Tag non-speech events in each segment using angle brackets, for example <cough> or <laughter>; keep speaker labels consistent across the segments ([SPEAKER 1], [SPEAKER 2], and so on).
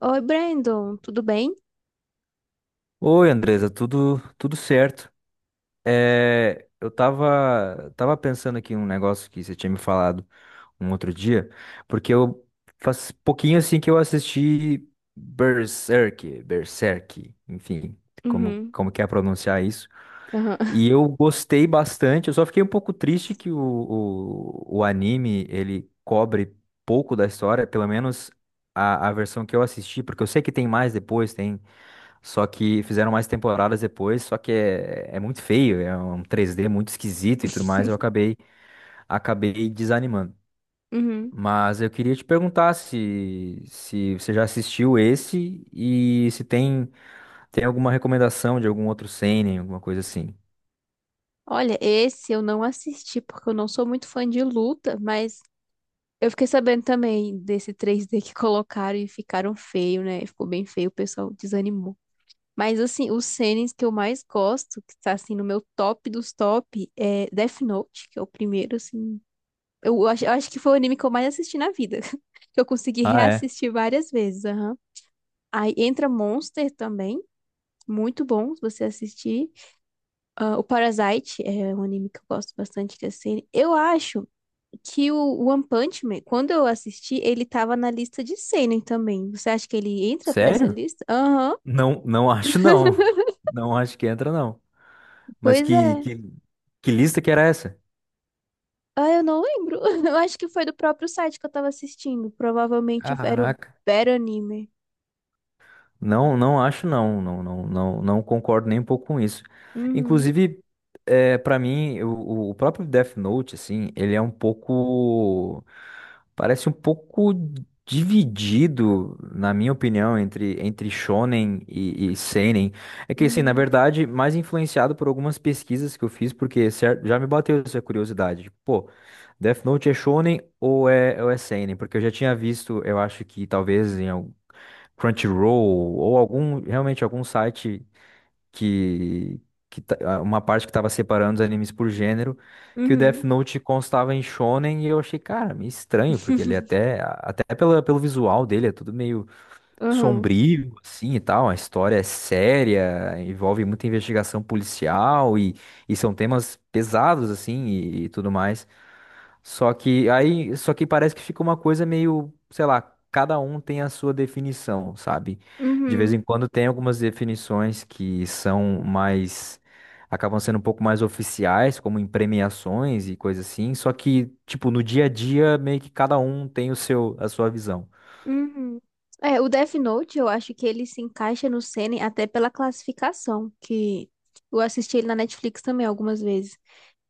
[SPEAKER 1] Oi, Brandon, tudo bem?
[SPEAKER 2] Oi, Andresa, tudo certo? Eu tava pensando aqui um negócio que você tinha me falado um outro dia, porque eu faz pouquinho assim que eu assisti Berserk, enfim, como
[SPEAKER 1] Uhum,
[SPEAKER 2] como que é pronunciar isso?
[SPEAKER 1] aham, <laughs>
[SPEAKER 2] E eu gostei bastante. Eu só fiquei um pouco triste que o anime ele cobre pouco da história, pelo menos a versão que eu assisti, porque eu sei que tem mais depois, tem só que fizeram mais temporadas depois, só que é, é muito feio, é um 3D muito esquisito e tudo mais, eu acabei desanimando.
[SPEAKER 1] uhum.
[SPEAKER 2] Mas eu queria te perguntar se você já assistiu esse e se tem alguma recomendação de algum outro seinen, alguma coisa assim.
[SPEAKER 1] Olha, esse eu não assisti porque eu não sou muito fã de luta, mas eu fiquei sabendo também desse 3D que <laughs> colocaram e ficaram feio, né? Ficou bem feio, o pessoal desanimou. Mas assim, os series que eu mais gosto, que tá assim no meu top dos top, é Death Note, que é o primeiro, assim. Eu acho que foi o anime que eu mais assisti na vida, <laughs> que eu consegui
[SPEAKER 2] Ah, é?
[SPEAKER 1] reassistir várias vezes, aham. Aí entra Monster também, muito bom se você assistir. Ah, o Parasite é um anime que eu gosto bastante de seinen. Eu acho que o One Punch Man, quando eu assisti, ele tava na lista de seinen também. Você acha que ele entra pra essa
[SPEAKER 2] Sério?
[SPEAKER 1] lista? Aham.
[SPEAKER 2] Não, não <laughs> acho não.
[SPEAKER 1] <laughs>
[SPEAKER 2] Não acho que entra não. Mas
[SPEAKER 1] Pois é.
[SPEAKER 2] que lista que era essa?
[SPEAKER 1] Ah, eu não lembro. <laughs> Eu acho que foi do próprio site que eu tava assistindo. Provavelmente era o
[SPEAKER 2] Caraca.
[SPEAKER 1] Better Anime.
[SPEAKER 2] Não, não acho não, não, não, não, não concordo nem um pouco com isso.
[SPEAKER 1] Uhum,
[SPEAKER 2] Inclusive, é, para mim, o próprio Death Note, assim, ele é um pouco, parece um pouco dividido, na minha opinião, entre shonen e seinen. É que, assim, na
[SPEAKER 1] uhum,
[SPEAKER 2] verdade, mais influenciado por algumas pesquisas que eu fiz, porque já me bateu essa curiosidade. Tipo, pô, Death Note é shonen ou é seinen? Porque eu já tinha visto, eu acho que talvez em algum Crunchyroll ou algum realmente algum site que, uma parte que estava separando os animes por gênero, que o Death
[SPEAKER 1] uhum,
[SPEAKER 2] Note constava em shonen e eu achei, cara, meio estranho, porque ele é
[SPEAKER 1] <laughs>
[SPEAKER 2] até pela, pelo visual dele é tudo meio
[SPEAKER 1] uhum,
[SPEAKER 2] sombrio, assim e tal. A história é séria, envolve muita investigação policial e são temas pesados, assim, e tudo mais. Só que parece que fica uma coisa meio, sei lá, cada um tem a sua definição, sabe? De vez em
[SPEAKER 1] uhum.
[SPEAKER 2] quando tem algumas definições que são mais. Acabam sendo um pouco mais oficiais, como em premiações e coisa assim. Só que, tipo, no dia a dia, meio que cada um tem o seu, a sua visão.
[SPEAKER 1] Uhum. É, o Death Note, eu acho que ele se encaixa no Seinen até pela classificação, que eu assisti ele na Netflix também algumas vezes.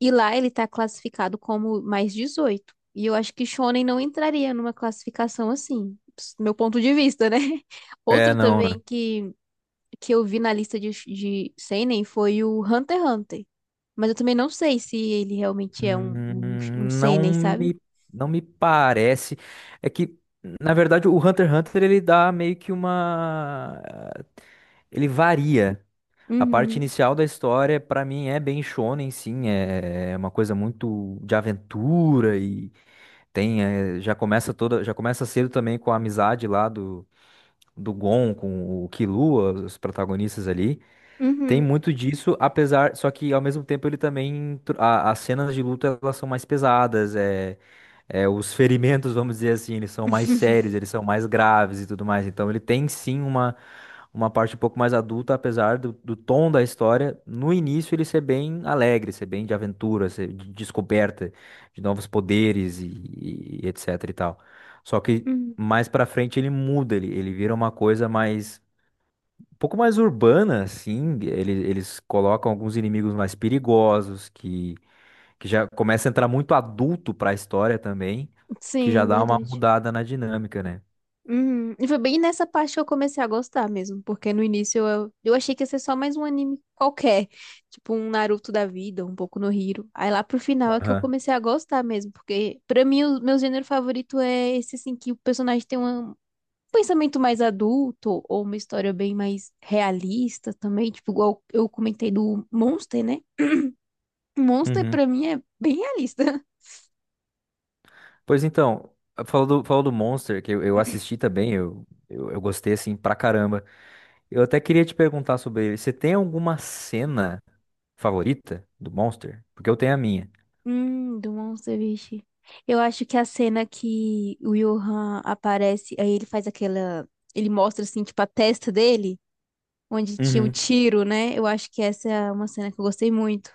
[SPEAKER 1] E lá ele tá classificado como mais 18. E eu acho que Shonen não entraria numa classificação assim, ps- meu ponto de vista, né? <laughs>
[SPEAKER 2] É,
[SPEAKER 1] Outro
[SPEAKER 2] não.
[SPEAKER 1] também que eu vi na lista de Seinen foi o Hunter x Hunter. Mas eu também não sei se ele realmente é um
[SPEAKER 2] Hum, não
[SPEAKER 1] Seinen, sabe?
[SPEAKER 2] me, não me parece. É que, na verdade, o Hunter x Hunter ele dá meio que uma. Ele varia. A parte
[SPEAKER 1] Uhum.
[SPEAKER 2] inicial da história, pra mim, é bem shonen, sim. É uma coisa muito de aventura e tem. É, já começa cedo também com a amizade lá do, do Gon com o Killua, os protagonistas ali. Tem
[SPEAKER 1] Uhum.
[SPEAKER 2] muito disso, apesar, só que ao mesmo tempo ele também, as cenas de luta elas são mais pesadas, é, é, os ferimentos, vamos dizer assim, eles são mais sérios,
[SPEAKER 1] <laughs>
[SPEAKER 2] eles são mais graves e tudo mais, então ele tem sim uma parte um pouco mais adulta, apesar do, do tom da história, no início ele ser bem alegre, ser bem de aventura, ser de descoberta de novos poderes e etc e tal, só que
[SPEAKER 1] Uhum.
[SPEAKER 2] mais pra frente ele muda, ele vira uma coisa mais um pouco mais urbana, assim, eles colocam alguns inimigos mais perigosos, que já começa a entrar muito adulto pra história também, que já
[SPEAKER 1] Sim,
[SPEAKER 2] dá uma
[SPEAKER 1] verdade.
[SPEAKER 2] mudada na dinâmica, né?
[SPEAKER 1] Uhum. E foi bem nessa parte que eu comecei a gostar mesmo, porque no início eu achei que ia ser só mais um anime qualquer, tipo um Naruto da vida, um pouco no Hero. Aí lá pro final é que eu
[SPEAKER 2] Aham.
[SPEAKER 1] comecei a gostar mesmo, porque pra mim o meu gênero favorito é esse assim que o personagem tem uma- um pensamento mais adulto ou uma história bem mais realista também, tipo igual eu comentei do Monster, né? Monster
[SPEAKER 2] Uhum.
[SPEAKER 1] pra mim é bem realista.
[SPEAKER 2] Pois então, falou do Monster, que eu assisti também, eu gostei, assim, pra caramba. Eu até queria te perguntar sobre ele, você tem alguma cena favorita do Monster? Porque eu tenho a minha.
[SPEAKER 1] Do Monster, vixe. Eu acho que a cena que o Johan aparece, aí ele faz aquela. Ele mostra, assim, tipo, a testa dele, onde tinha o
[SPEAKER 2] Uhum.
[SPEAKER 1] tiro, né? Eu acho que essa é uma cena que eu gostei muito.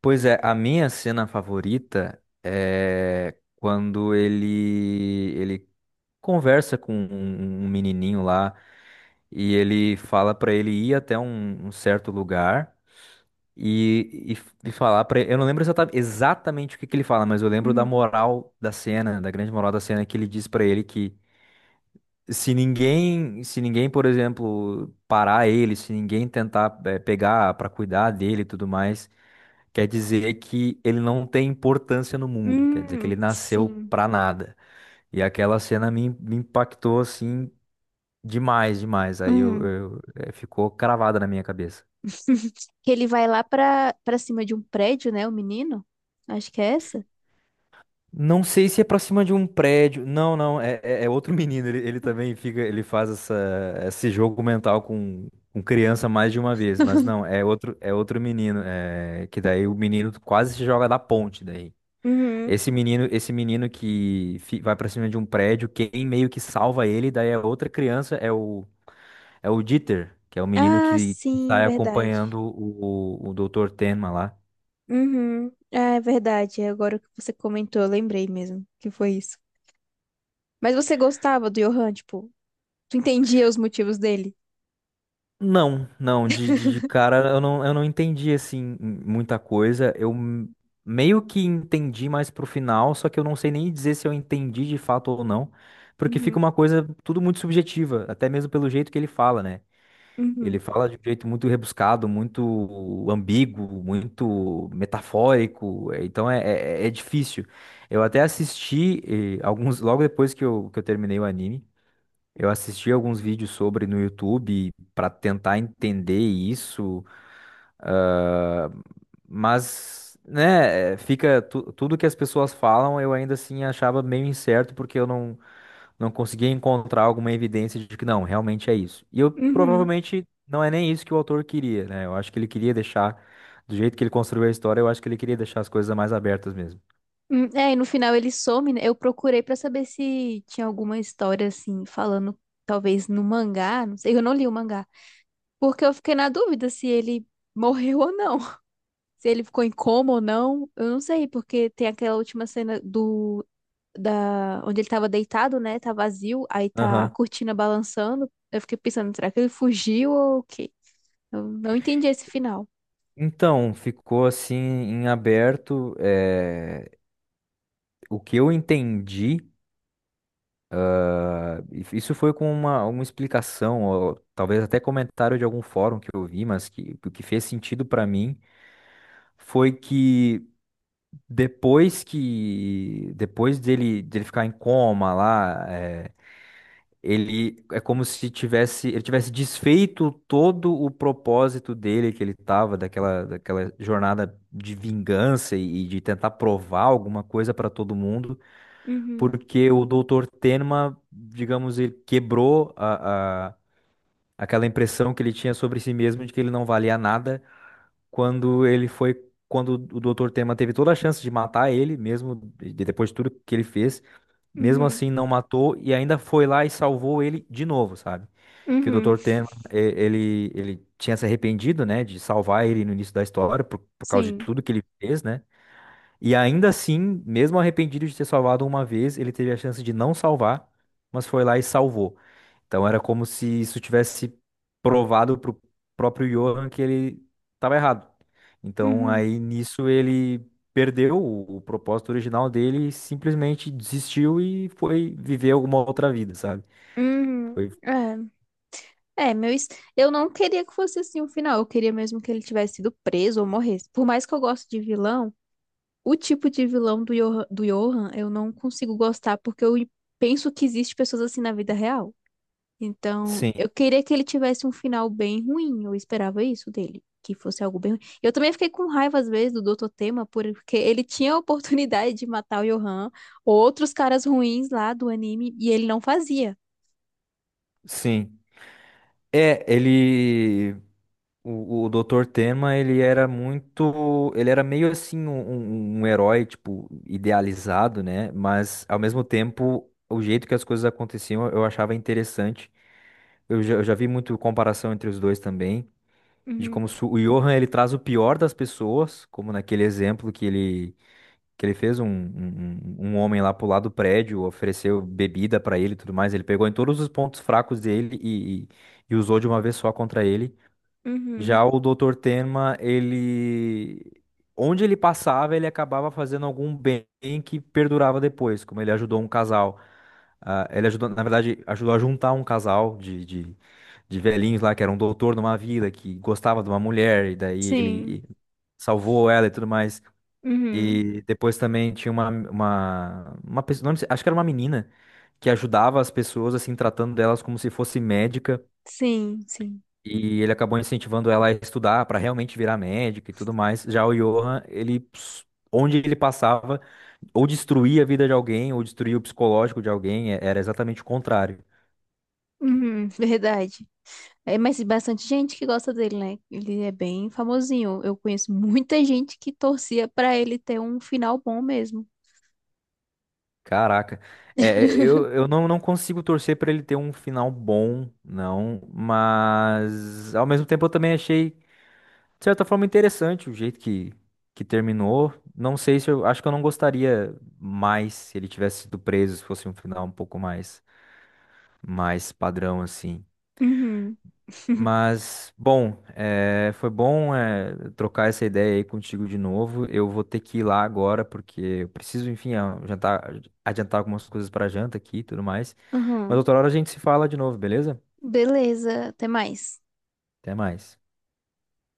[SPEAKER 2] Pois é, a minha cena favorita é quando ele conversa com um, um um menininho lá e ele fala pra ele ir até um, um certo lugar e, e falar pra ele. Eu não lembro exatamente o que que ele fala, mas eu lembro da
[SPEAKER 1] Uhum.
[SPEAKER 2] moral da cena, da grande moral da cena que ele diz pra ele que se ninguém, por exemplo, parar ele, se ninguém tentar pegar pra cuidar dele e tudo mais. Quer dizer que ele não tem importância no mundo, quer dizer que ele nasceu
[SPEAKER 1] Sim.
[SPEAKER 2] pra nada. E aquela cena me impactou assim demais, demais. Aí
[SPEAKER 1] Hum.
[SPEAKER 2] eu- eh, ficou cravada na minha cabeça.
[SPEAKER 1] <laughs> Que ele vai lá pra cima de um prédio, né? O menino. Acho que é essa.
[SPEAKER 2] Não sei se é pra cima de um prédio. Não, não, é outro <laughs> menino. Ele também fica, esse jogo mental com criança mais de uma vez, mas não, é outro menino. É, que daí o menino quase se joga da ponte daí.
[SPEAKER 1] Uhum.
[SPEAKER 2] Esse menino que vai pra cima de um prédio, quem meio que salva ele, daí a outra criança é o é o Dieter, que é o menino
[SPEAKER 1] Ah,
[SPEAKER 2] que
[SPEAKER 1] sim,
[SPEAKER 2] sai
[SPEAKER 1] verdade.
[SPEAKER 2] acompanhando o, Dr. Tenma lá.
[SPEAKER 1] Uhum. Ah, é verdade. Agora que você comentou, eu lembrei mesmo que foi isso. Mas você gostava do Johan, tipo, tu entendia os motivos dele?
[SPEAKER 2] Não, não, de cara eu não entendi assim muita coisa. Meio que entendi mais pro final, só que eu não sei nem dizer se eu entendi de fato ou não, porque
[SPEAKER 1] Uhum,
[SPEAKER 2] fica uma coisa tudo muito subjetiva, até mesmo pelo jeito que ele fala, né? Ele
[SPEAKER 1] uhum,
[SPEAKER 2] fala de um jeito muito rebuscado, muito ambíguo, muito metafórico, então é, é é difícil. Eu até assisti alguns, logo depois que eu terminei o anime, eu assisti alguns vídeos sobre no YouTube para tentar entender isso, ah, mas, né, fica tudo que as pessoas falam, eu ainda assim achava meio incerto porque eu não conseguia encontrar alguma evidência de que não, realmente é isso. E eu
[SPEAKER 1] uhum.
[SPEAKER 2] provavelmente não é nem isso que o autor queria, né? Eu acho que ele queria deixar, do jeito que ele construiu a história, eu acho que ele queria deixar as coisas mais abertas mesmo.
[SPEAKER 1] É, e no final ele some, né? Eu procurei pra saber se tinha alguma história assim, falando talvez no mangá, não sei, eu não li o mangá, porque eu fiquei na dúvida se ele morreu ou não, <laughs> se ele ficou em coma ou não, eu não sei, porque tem aquela última cena do da onde ele tava deitado, né? Tá vazio, aí tá a
[SPEAKER 2] Aham.
[SPEAKER 1] cortina balançando. Eu fiquei pensando, será que ele fugiu ou o quê? Eu não entendi esse final.
[SPEAKER 2] Então, ficou assim em aberto. O que eu entendi, ah, isso foi com uma explicação, ou talvez até comentário de algum fórum que eu vi, mas que, o que fez sentido pra mim foi que. Depois dele, dele ficar em coma lá, é, ele é como se tivesse, ele tivesse desfeito todo o propósito dele que ele tava, daquela, daquela jornada de vingança e de tentar provar alguma coisa para todo mundo,
[SPEAKER 1] Uhum,
[SPEAKER 2] porque o doutor Tenma, digamos, ele quebrou a, aquela impressão que ele tinha sobre si mesmo de que ele não valia nada quando ele foi, quando o Dr. Tema teve toda a chance de matar ele, mesmo depois de tudo que ele fez, mesmo
[SPEAKER 1] uhum,
[SPEAKER 2] assim não matou e ainda foi lá e salvou ele de novo, sabe? Que o
[SPEAKER 1] uhum,
[SPEAKER 2] Dr. Tema, ele, ele tinha se arrependido, né, de salvar ele no início da história por causa de
[SPEAKER 1] sim,
[SPEAKER 2] tudo que ele fez, né? E ainda assim, mesmo arrependido de ter salvado uma vez, ele teve a chance de não salvar, mas foi lá e salvou. Então era como se isso tivesse provado pro próprio Johan que ele estava errado. Então
[SPEAKER 1] uhum,
[SPEAKER 2] aí nisso ele perdeu o propósito original dele, e simplesmente desistiu e foi viver alguma outra vida, sabe?
[SPEAKER 1] uhum,
[SPEAKER 2] Foi,
[SPEAKER 1] é, é, meu, es- eu não queria que fosse assim o final, eu queria mesmo que ele tivesse sido preso ou morresse, por mais que eu goste de vilão, o tipo de vilão do Johan eu não consigo gostar, porque eu penso que existe pessoas assim na vida real. Então,
[SPEAKER 2] sim,
[SPEAKER 1] eu queria que ele tivesse um final bem ruim. Eu esperava isso dele, que fosse algo bem ruim. Eu também fiquei com raiva, às vezes, do Doutor Tema, porque ele tinha a oportunidade de matar o Johan, outros caras ruins lá do anime, e ele não fazia.
[SPEAKER 2] sim. É, ele. O doutor Tema, ele era muito. Ele era meio assim um, um herói, tipo, idealizado, né? Mas, ao mesmo tempo, o jeito que as coisas aconteciam eu achava interessante. Eu já vi muito comparação entre os dois também, de
[SPEAKER 1] Uhum,
[SPEAKER 2] como se o Johan ele traz o pior das pessoas, como naquele exemplo que ele fez um, um, um um homem lá pro lado do prédio, ofereceu bebida pra ele e tudo mais. Ele pegou em todos os pontos fracos dele e e usou de uma vez só contra ele.
[SPEAKER 1] uhum,
[SPEAKER 2] Já o doutor Tenma, ele. Onde ele passava, ele acabava fazendo algum bem que perdurava depois, como ele ajudou um casal. Ah, ele ajudou, na verdade, ajudou a juntar um casal de velhinhos lá, que era um doutor numa vila, que gostava de uma mulher, e daí
[SPEAKER 1] sim,
[SPEAKER 2] ele salvou ela e tudo mais.
[SPEAKER 1] uhum,
[SPEAKER 2] E depois também tinha uma pessoa, não sei, acho que era uma menina, que ajudava as pessoas, assim, tratando delas como se fosse médica.
[SPEAKER 1] sim, sim.
[SPEAKER 2] E ele acabou incentivando ela a estudar para realmente virar médica e tudo mais. Já o Johan, ele, onde ele passava, ou destruía a vida de alguém, ou destruía o psicológico de alguém, era exatamente o contrário.
[SPEAKER 1] Uhum, verdade. É, mas bastante gente que gosta dele, né? Ele é bem famosinho. Eu conheço muita gente que torcia pra ele ter um final bom mesmo.
[SPEAKER 2] Caraca, é, é,
[SPEAKER 1] <laughs>
[SPEAKER 2] eu não, não consigo torcer para ele ter um final bom, não, mas ao mesmo tempo eu também achei, de certa forma, interessante o jeito que terminou. Não sei se eu acho que eu não gostaria mais se ele tivesse sido preso, se fosse um final um pouco mais. Mais padrão assim.
[SPEAKER 1] uhum. <laughs>
[SPEAKER 2] Mas, bom, foi bom trocar essa ideia aí contigo de novo. Eu vou ter que ir lá agora, porque eu preciso, enfim, jantar, adiantar algumas coisas para janta aqui e tudo mais. Mas
[SPEAKER 1] Aham.
[SPEAKER 2] outra hora a gente se fala de novo, beleza?
[SPEAKER 1] Beleza, até mais.
[SPEAKER 2] Até mais.